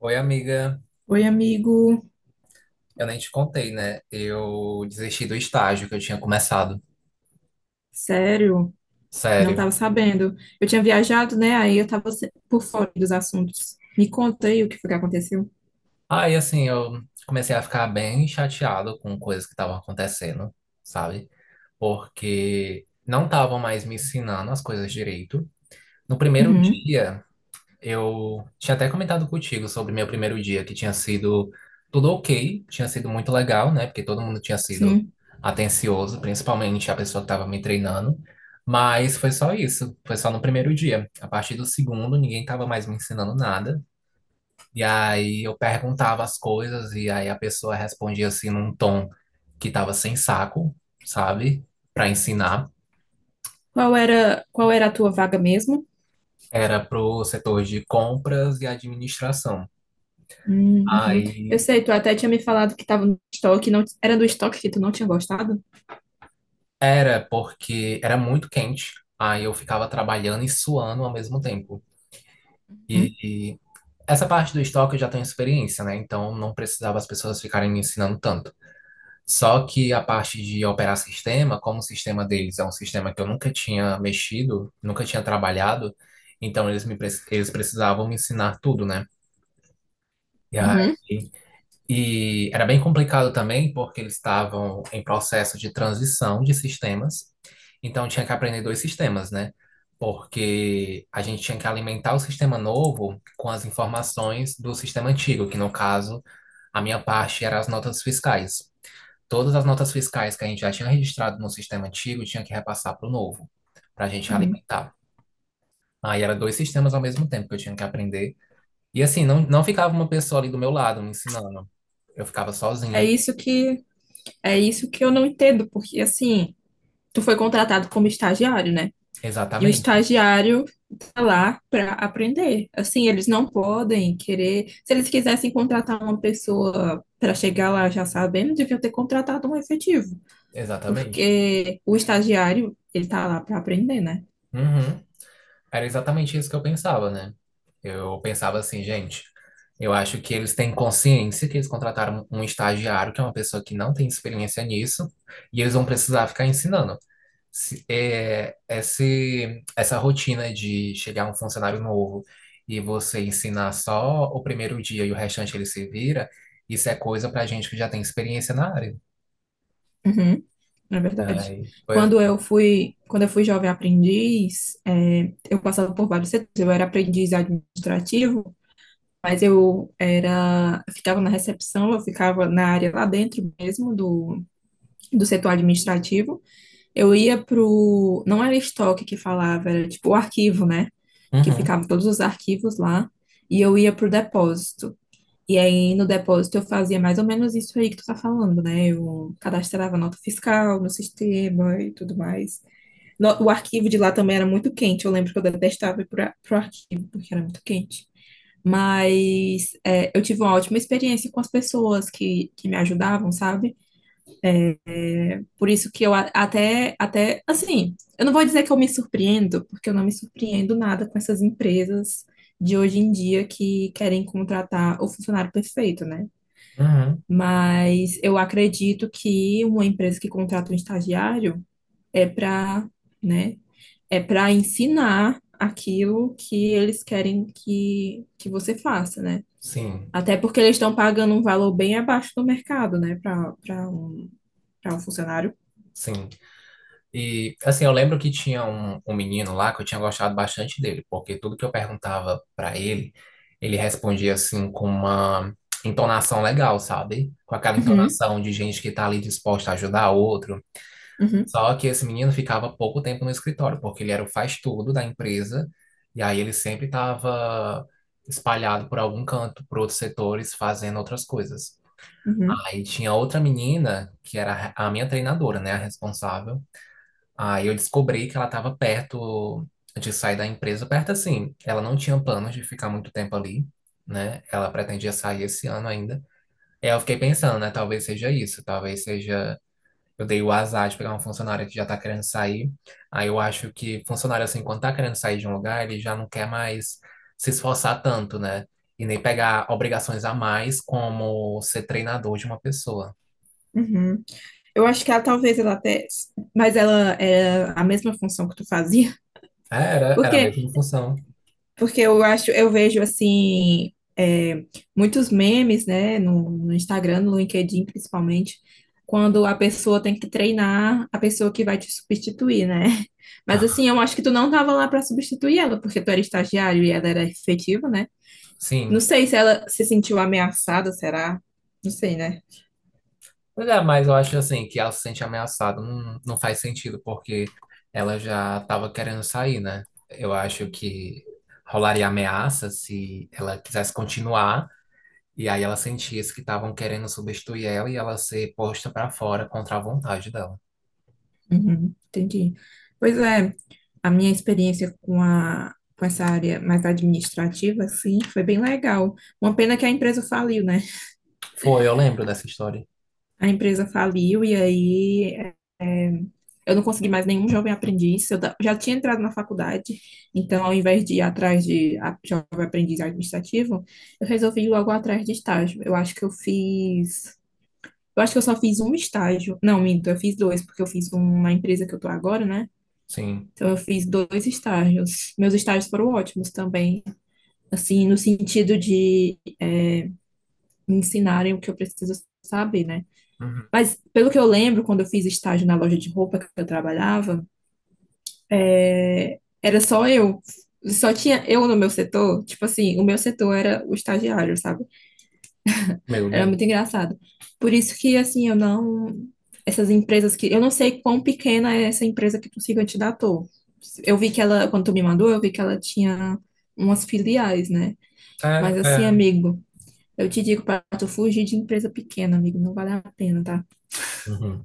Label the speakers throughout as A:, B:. A: Oi, amiga.
B: Oi, amigo.
A: Eu nem te contei, né? Eu desisti do estágio que eu tinha começado.
B: Sério, não
A: Sério.
B: estava sabendo. Eu tinha viajado, né? Aí eu estava por fora dos assuntos. Me conta aí o que foi que aconteceu.
A: Eu comecei a ficar bem chateado com coisas que estavam acontecendo, sabe? Porque não estavam mais me ensinando as coisas direito. No primeiro
B: Uhum,
A: dia, eu tinha até comentado contigo sobre meu primeiro dia, que tinha sido tudo ok, tinha sido muito legal, né? Porque todo mundo tinha sido
B: sim.
A: atencioso, principalmente a pessoa que estava me treinando. Mas foi só isso, foi só no primeiro dia. A partir do segundo, ninguém estava mais me ensinando nada. E aí eu perguntava as coisas, e aí a pessoa respondia assim num tom que estava sem saco, sabe? Para ensinar.
B: Qual era a tua vaga mesmo?
A: Era pro setor de compras e administração.
B: Uhum. Eu
A: Aí
B: sei, tu até tinha me falado que estava no estoque, não, era do estoque que tu não tinha gostado?
A: Era porque era muito quente, aí eu ficava trabalhando e suando ao mesmo tempo. E,
B: Uhum,
A: e essa parte do estoque eu já tenho experiência, né? Então não precisava as pessoas ficarem me ensinando tanto. Só que a parte de operar sistema, como o sistema deles é um sistema que eu nunca tinha mexido, nunca tinha trabalhado, então eles precisavam me ensinar tudo, né? E aí
B: uhum,
A: E era bem complicado também, porque eles estavam em processo de transição de sistemas, então tinha que aprender dois sistemas, né? Porque a gente tinha que alimentar o sistema novo com as informações do sistema antigo, que no caso, a minha parte era as notas fiscais. Todas as notas fiscais que a gente já tinha registrado no sistema antigo tinha que repassar para o novo, para a gente
B: uhum.
A: alimentar. Aí era dois sistemas ao mesmo tempo que eu tinha que aprender. E assim, não ficava uma pessoa ali do meu lado me ensinando. Eu ficava
B: É
A: sozinho.
B: isso que, é isso que eu não entendo, porque assim, tu foi contratado como estagiário, né? E o
A: Exatamente,
B: estagiário está lá para aprender. Assim, eles não podem querer. Se eles quisessem contratar uma pessoa para chegar lá já sabendo, deviam ter contratado um efetivo,
A: exatamente.
B: porque o estagiário, ele está lá para aprender, né?
A: Uhum. Era exatamente isso que eu pensava, né? Eu pensava assim, gente, eu acho que eles têm consciência que eles contrataram um estagiário, que é uma pessoa que não tem experiência nisso, e eles vão precisar ficar ensinando. Essa rotina de chegar um funcionário novo e você ensinar só o primeiro dia e o restante ele se vira, isso é coisa pra gente que já tem experiência na área.
B: Uhum, na verdade.
A: Aí, pois,
B: Quando eu fui jovem aprendiz, é, eu passava por vários setores. Eu era aprendiz administrativo, mas eu era, eu ficava na recepção, eu ficava na área lá dentro mesmo do setor administrativo. Eu ia pro. Não era estoque que falava, era tipo o arquivo, né? Que
A: uhum,
B: ficavam todos os arquivos lá. E eu ia pro depósito. E aí no depósito eu fazia mais ou menos isso aí que tu tá falando, né? Eu cadastrava nota fiscal no sistema e tudo mais. No- O arquivo de lá também era muito quente. Eu lembro que eu detestava ir pro arquivo, porque era muito quente. Mas é, eu tive uma ótima experiência com as pessoas que me ajudavam, sabe? Por isso que eu a- até, até, assim, eu não vou dizer que eu me surpreendo, porque eu não me surpreendo nada com essas empresas de hoje em dia que querem contratar o funcionário perfeito, né?
A: uhum,
B: Mas eu acredito que uma empresa que contrata um estagiário é para, né, é para ensinar aquilo que eles querem que você faça, né?
A: sim,
B: Até porque eles estão pagando um valor bem abaixo do mercado, né, para um, para um funcionário.
A: sim. E, assim, eu lembro que tinha um menino lá que eu tinha gostado bastante dele, porque tudo que eu perguntava pra ele, ele respondia, assim, com uma entonação legal, sabe? Com aquela
B: Uhum,
A: entonação de gente que tá ali disposta a ajudar outro.
B: uhum.
A: Só que esse menino ficava pouco tempo no escritório, porque ele era o faz-tudo da empresa, e aí ele sempre estava espalhado por algum canto, por outros setores, fazendo outras coisas.
B: Uhum,
A: Aí tinha outra menina, que era a minha treinadora, né, a responsável. Aí eu descobri que ela estava perto de sair da empresa, perto assim. Ela não tinha planos de ficar muito tempo ali, né? Ela pretendia sair esse ano ainda. E aí eu fiquei pensando, né? Talvez seja isso, talvez seja. Eu dei o azar de pegar uma funcionária que já tá querendo sair. Aí eu acho que funcionário, assim, quando tá querendo sair de um lugar, ele já não quer mais se esforçar tanto, né? E nem pegar obrigações a mais como ser treinador de uma pessoa.
B: uhum. Eu acho que ela talvez ela até, mas ela é a mesma função que tu fazia. Por
A: Era a
B: quê?
A: mesma função.
B: Porque eu acho, eu vejo assim, é, muitos memes, né, no Instagram, no LinkedIn principalmente, quando a pessoa tem que treinar a pessoa que vai te substituir, né? Mas assim, eu acho que tu não tava lá para substituir ela, porque tu era estagiário e ela era efetiva, né? Não
A: Sim.
B: sei se ela se sentiu ameaçada, será? Não sei, né?
A: Pois é, mas eu acho assim que ela se sente ameaçada não, não faz sentido, porque ela já estava querendo sair, né? Eu acho que rolaria ameaça se ela quisesse continuar, e aí ela sentisse que estavam querendo substituir ela e ela ser posta pra fora contra a vontade dela.
B: Uhum, entendi. Pois é, a minha experiência com a, com essa área mais administrativa, assim, foi bem legal. Uma pena que a empresa faliu, né?
A: Foi, eu lembro dessa história.
B: A empresa faliu e aí eh, eu não consegui mais nenhum jovem aprendiz. Eu da- já tinha entrado na faculdade, então ao invés de ir atrás de a- jovem aprendiz administrativo, eu resolvi ir logo atrás de estágio. Eu acho que eu fiz. Eu acho que eu só fiz um estágio. Não, minto, eu fiz dois, porque eu fiz um na empresa que eu tô agora, né?
A: Sim.
B: Então eu fiz dois estágios. Meus estágios foram ótimos também. Assim, no sentido de me ensinarem o que eu preciso saber, né?
A: Uhum.
B: Mas pelo que eu lembro, quando eu fiz estágio na loja de roupa que eu trabalhava, é, era só eu. Só tinha eu no meu setor, tipo assim, o meu setor era o estagiário, sabe?
A: Meu
B: Era muito
A: Deus.
B: engraçado. Por isso que, assim, eu não. Essas empresas que. Eu não sei quão pequena é essa empresa que tu siga te dá ator. Eu vi que ela, quando tu me mandou, eu vi que ela tinha umas filiais, né?
A: É,
B: Mas assim,
A: é.
B: amigo, eu te digo, para tu fugir de empresa pequena, amigo, não vale a pena, tá?
A: Uhum.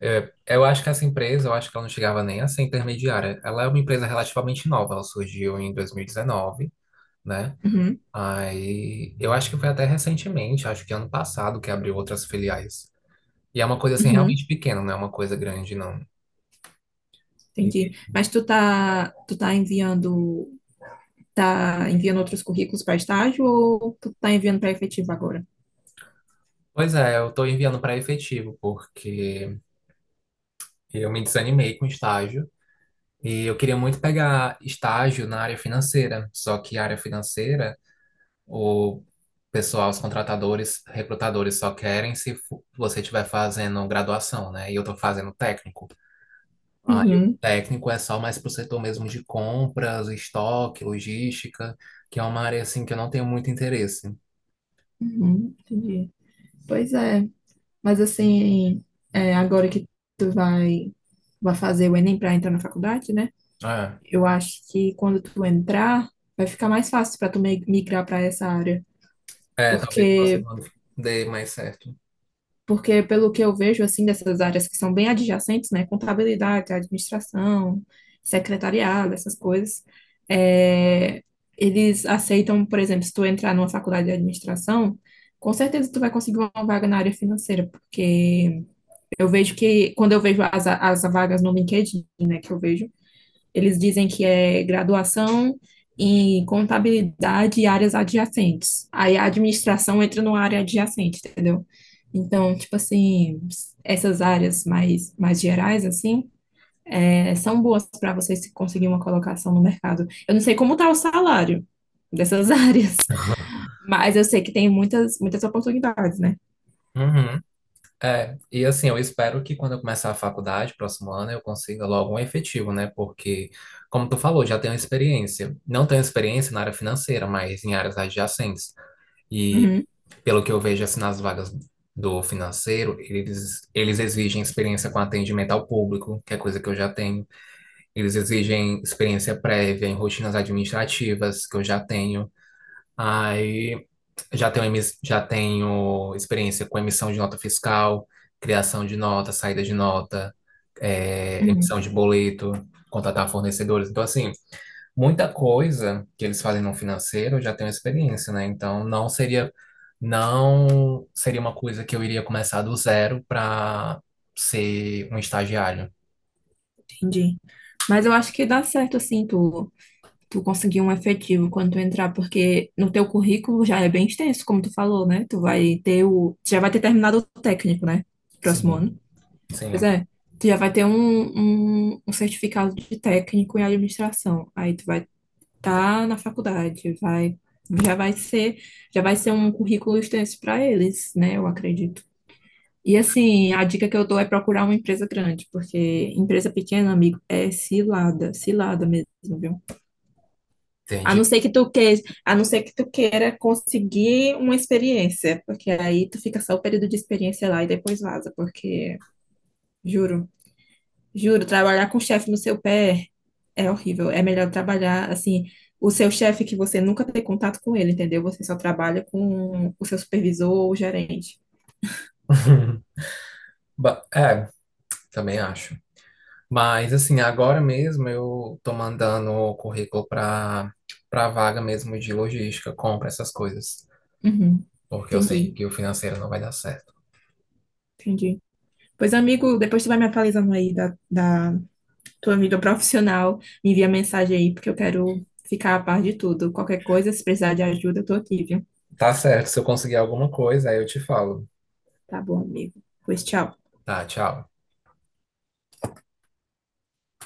A: É, eu acho que essa empresa, eu acho que ela não chegava nem a ser intermediária. Ela é uma empresa relativamente nova, ela surgiu em 2019, né?
B: Uhum,
A: Aí, eu acho que foi até recentemente, acho que ano passado, que abriu outras filiais. E é uma coisa assim
B: uhum,
A: realmente pequena, não é uma coisa grande, não.
B: entendi.
A: E,
B: Mas tu tá enviando, tá enviando outros currículos para estágio ou tu tá enviando para efetivo agora?
A: pois é, eu tô enviando para efetivo, porque eu me desanimei com estágio e eu queria muito pegar estágio na área financeira, só que a área financeira, o pessoal, os contratadores, recrutadores só querem se você estiver fazendo graduação, né? E eu tô fazendo técnico. Aí o
B: Uhum,
A: técnico é só mais para o setor mesmo de compras, estoque, logística, que é uma área assim que eu não tenho muito interesse.
B: uhum, entendi. Pois é, mas assim, é, agora que tu vai, vai fazer o Enem para entrar na faculdade, né?
A: É,
B: Eu acho que quando tu entrar, vai ficar mais fácil para tu mi- migrar para essa área,
A: é talvez o
B: porque
A: próximo ano dê mais certo.
B: porque, pelo que eu vejo, assim, dessas áreas que são bem adjacentes, né, contabilidade, administração, secretariado, essas coisas, é, eles aceitam, por exemplo, se tu entrar numa faculdade de administração, com certeza tu vai conseguir uma vaga na área financeira, porque eu vejo que, quando eu vejo as vagas no LinkedIn, né, que eu vejo, eles dizem que é graduação em contabilidade e áreas adjacentes. Aí a administração entra numa área adjacente, entendeu? Então, tipo assim, essas áreas mais gerais, assim, é, são boas para você se conseguir uma colocação no mercado. Eu não sei como tá o salário dessas áreas, mas eu sei que tem muitas, muitas oportunidades, né?
A: Uhum. É, e assim, eu espero que quando eu começar a faculdade, próximo ano, eu consiga logo um efetivo, né? Porque, como tu falou, já tenho experiência. Não tenho experiência na área financeira, mas em áreas adjacentes.
B: Uhum,
A: Pelo que eu vejo assim nas vagas do financeiro, eles exigem experiência com atendimento ao público, que é coisa que eu já tenho. Eles exigem experiência prévia em rotinas administrativas, que eu já tenho. Aí já tenho experiência com emissão de nota fiscal, criação de nota, saída de nota,
B: uhum,
A: emissão de boleto, contratar fornecedores. Então, assim, muita coisa que eles fazem no financeiro eu já tenho experiência, né? Então não seria uma coisa que eu iria começar do zero para ser um estagiário.
B: entendi. Mas eu acho que dá certo, assim, tu conseguir um efetivo quando tu entrar, porque no teu currículo já é bem extenso, como tu falou, né? Tu vai ter o. Tu já vai ter terminado o técnico, né? Próximo
A: Sim,
B: ano. Pois
A: sim,
B: é. Tu já vai ter um, um, um certificado de técnico em administração. Aí tu vai estar na faculdade, vai. Já vai ser, já vai ser um currículo extenso para eles, né? Eu acredito. E assim, a dica que eu dou é procurar uma empresa grande, porque empresa pequena, amigo, é cilada, cilada mesmo, viu? A
A: entendi.
B: não ser que tu queira, a não ser que tu queira conseguir uma experiência, porque aí tu fica só o período de experiência lá e depois vaza, porque juro, juro, trabalhar com o chefe no seu pé é horrível. É melhor trabalhar assim, o seu chefe que você nunca tem contato com ele, entendeu? Você só trabalha com o seu supervisor ou gerente.
A: É, também acho. Mas assim, agora mesmo eu tô mandando o currículo para vaga mesmo de logística, compra essas coisas,
B: Uhum,
A: porque eu sei
B: entendi,
A: que o financeiro não vai dar certo.
B: entendi. Pois, amigo, depois tu vai me atualizando aí da tua amiga profissional, me envia mensagem aí, porque eu quero ficar a par de tudo. Qualquer coisa, se precisar de ajuda, eu tô aqui, viu?
A: Tá certo, se eu conseguir alguma coisa, aí eu te falo.
B: Tá bom, amigo. Pois tchau.
A: Tá, tchau.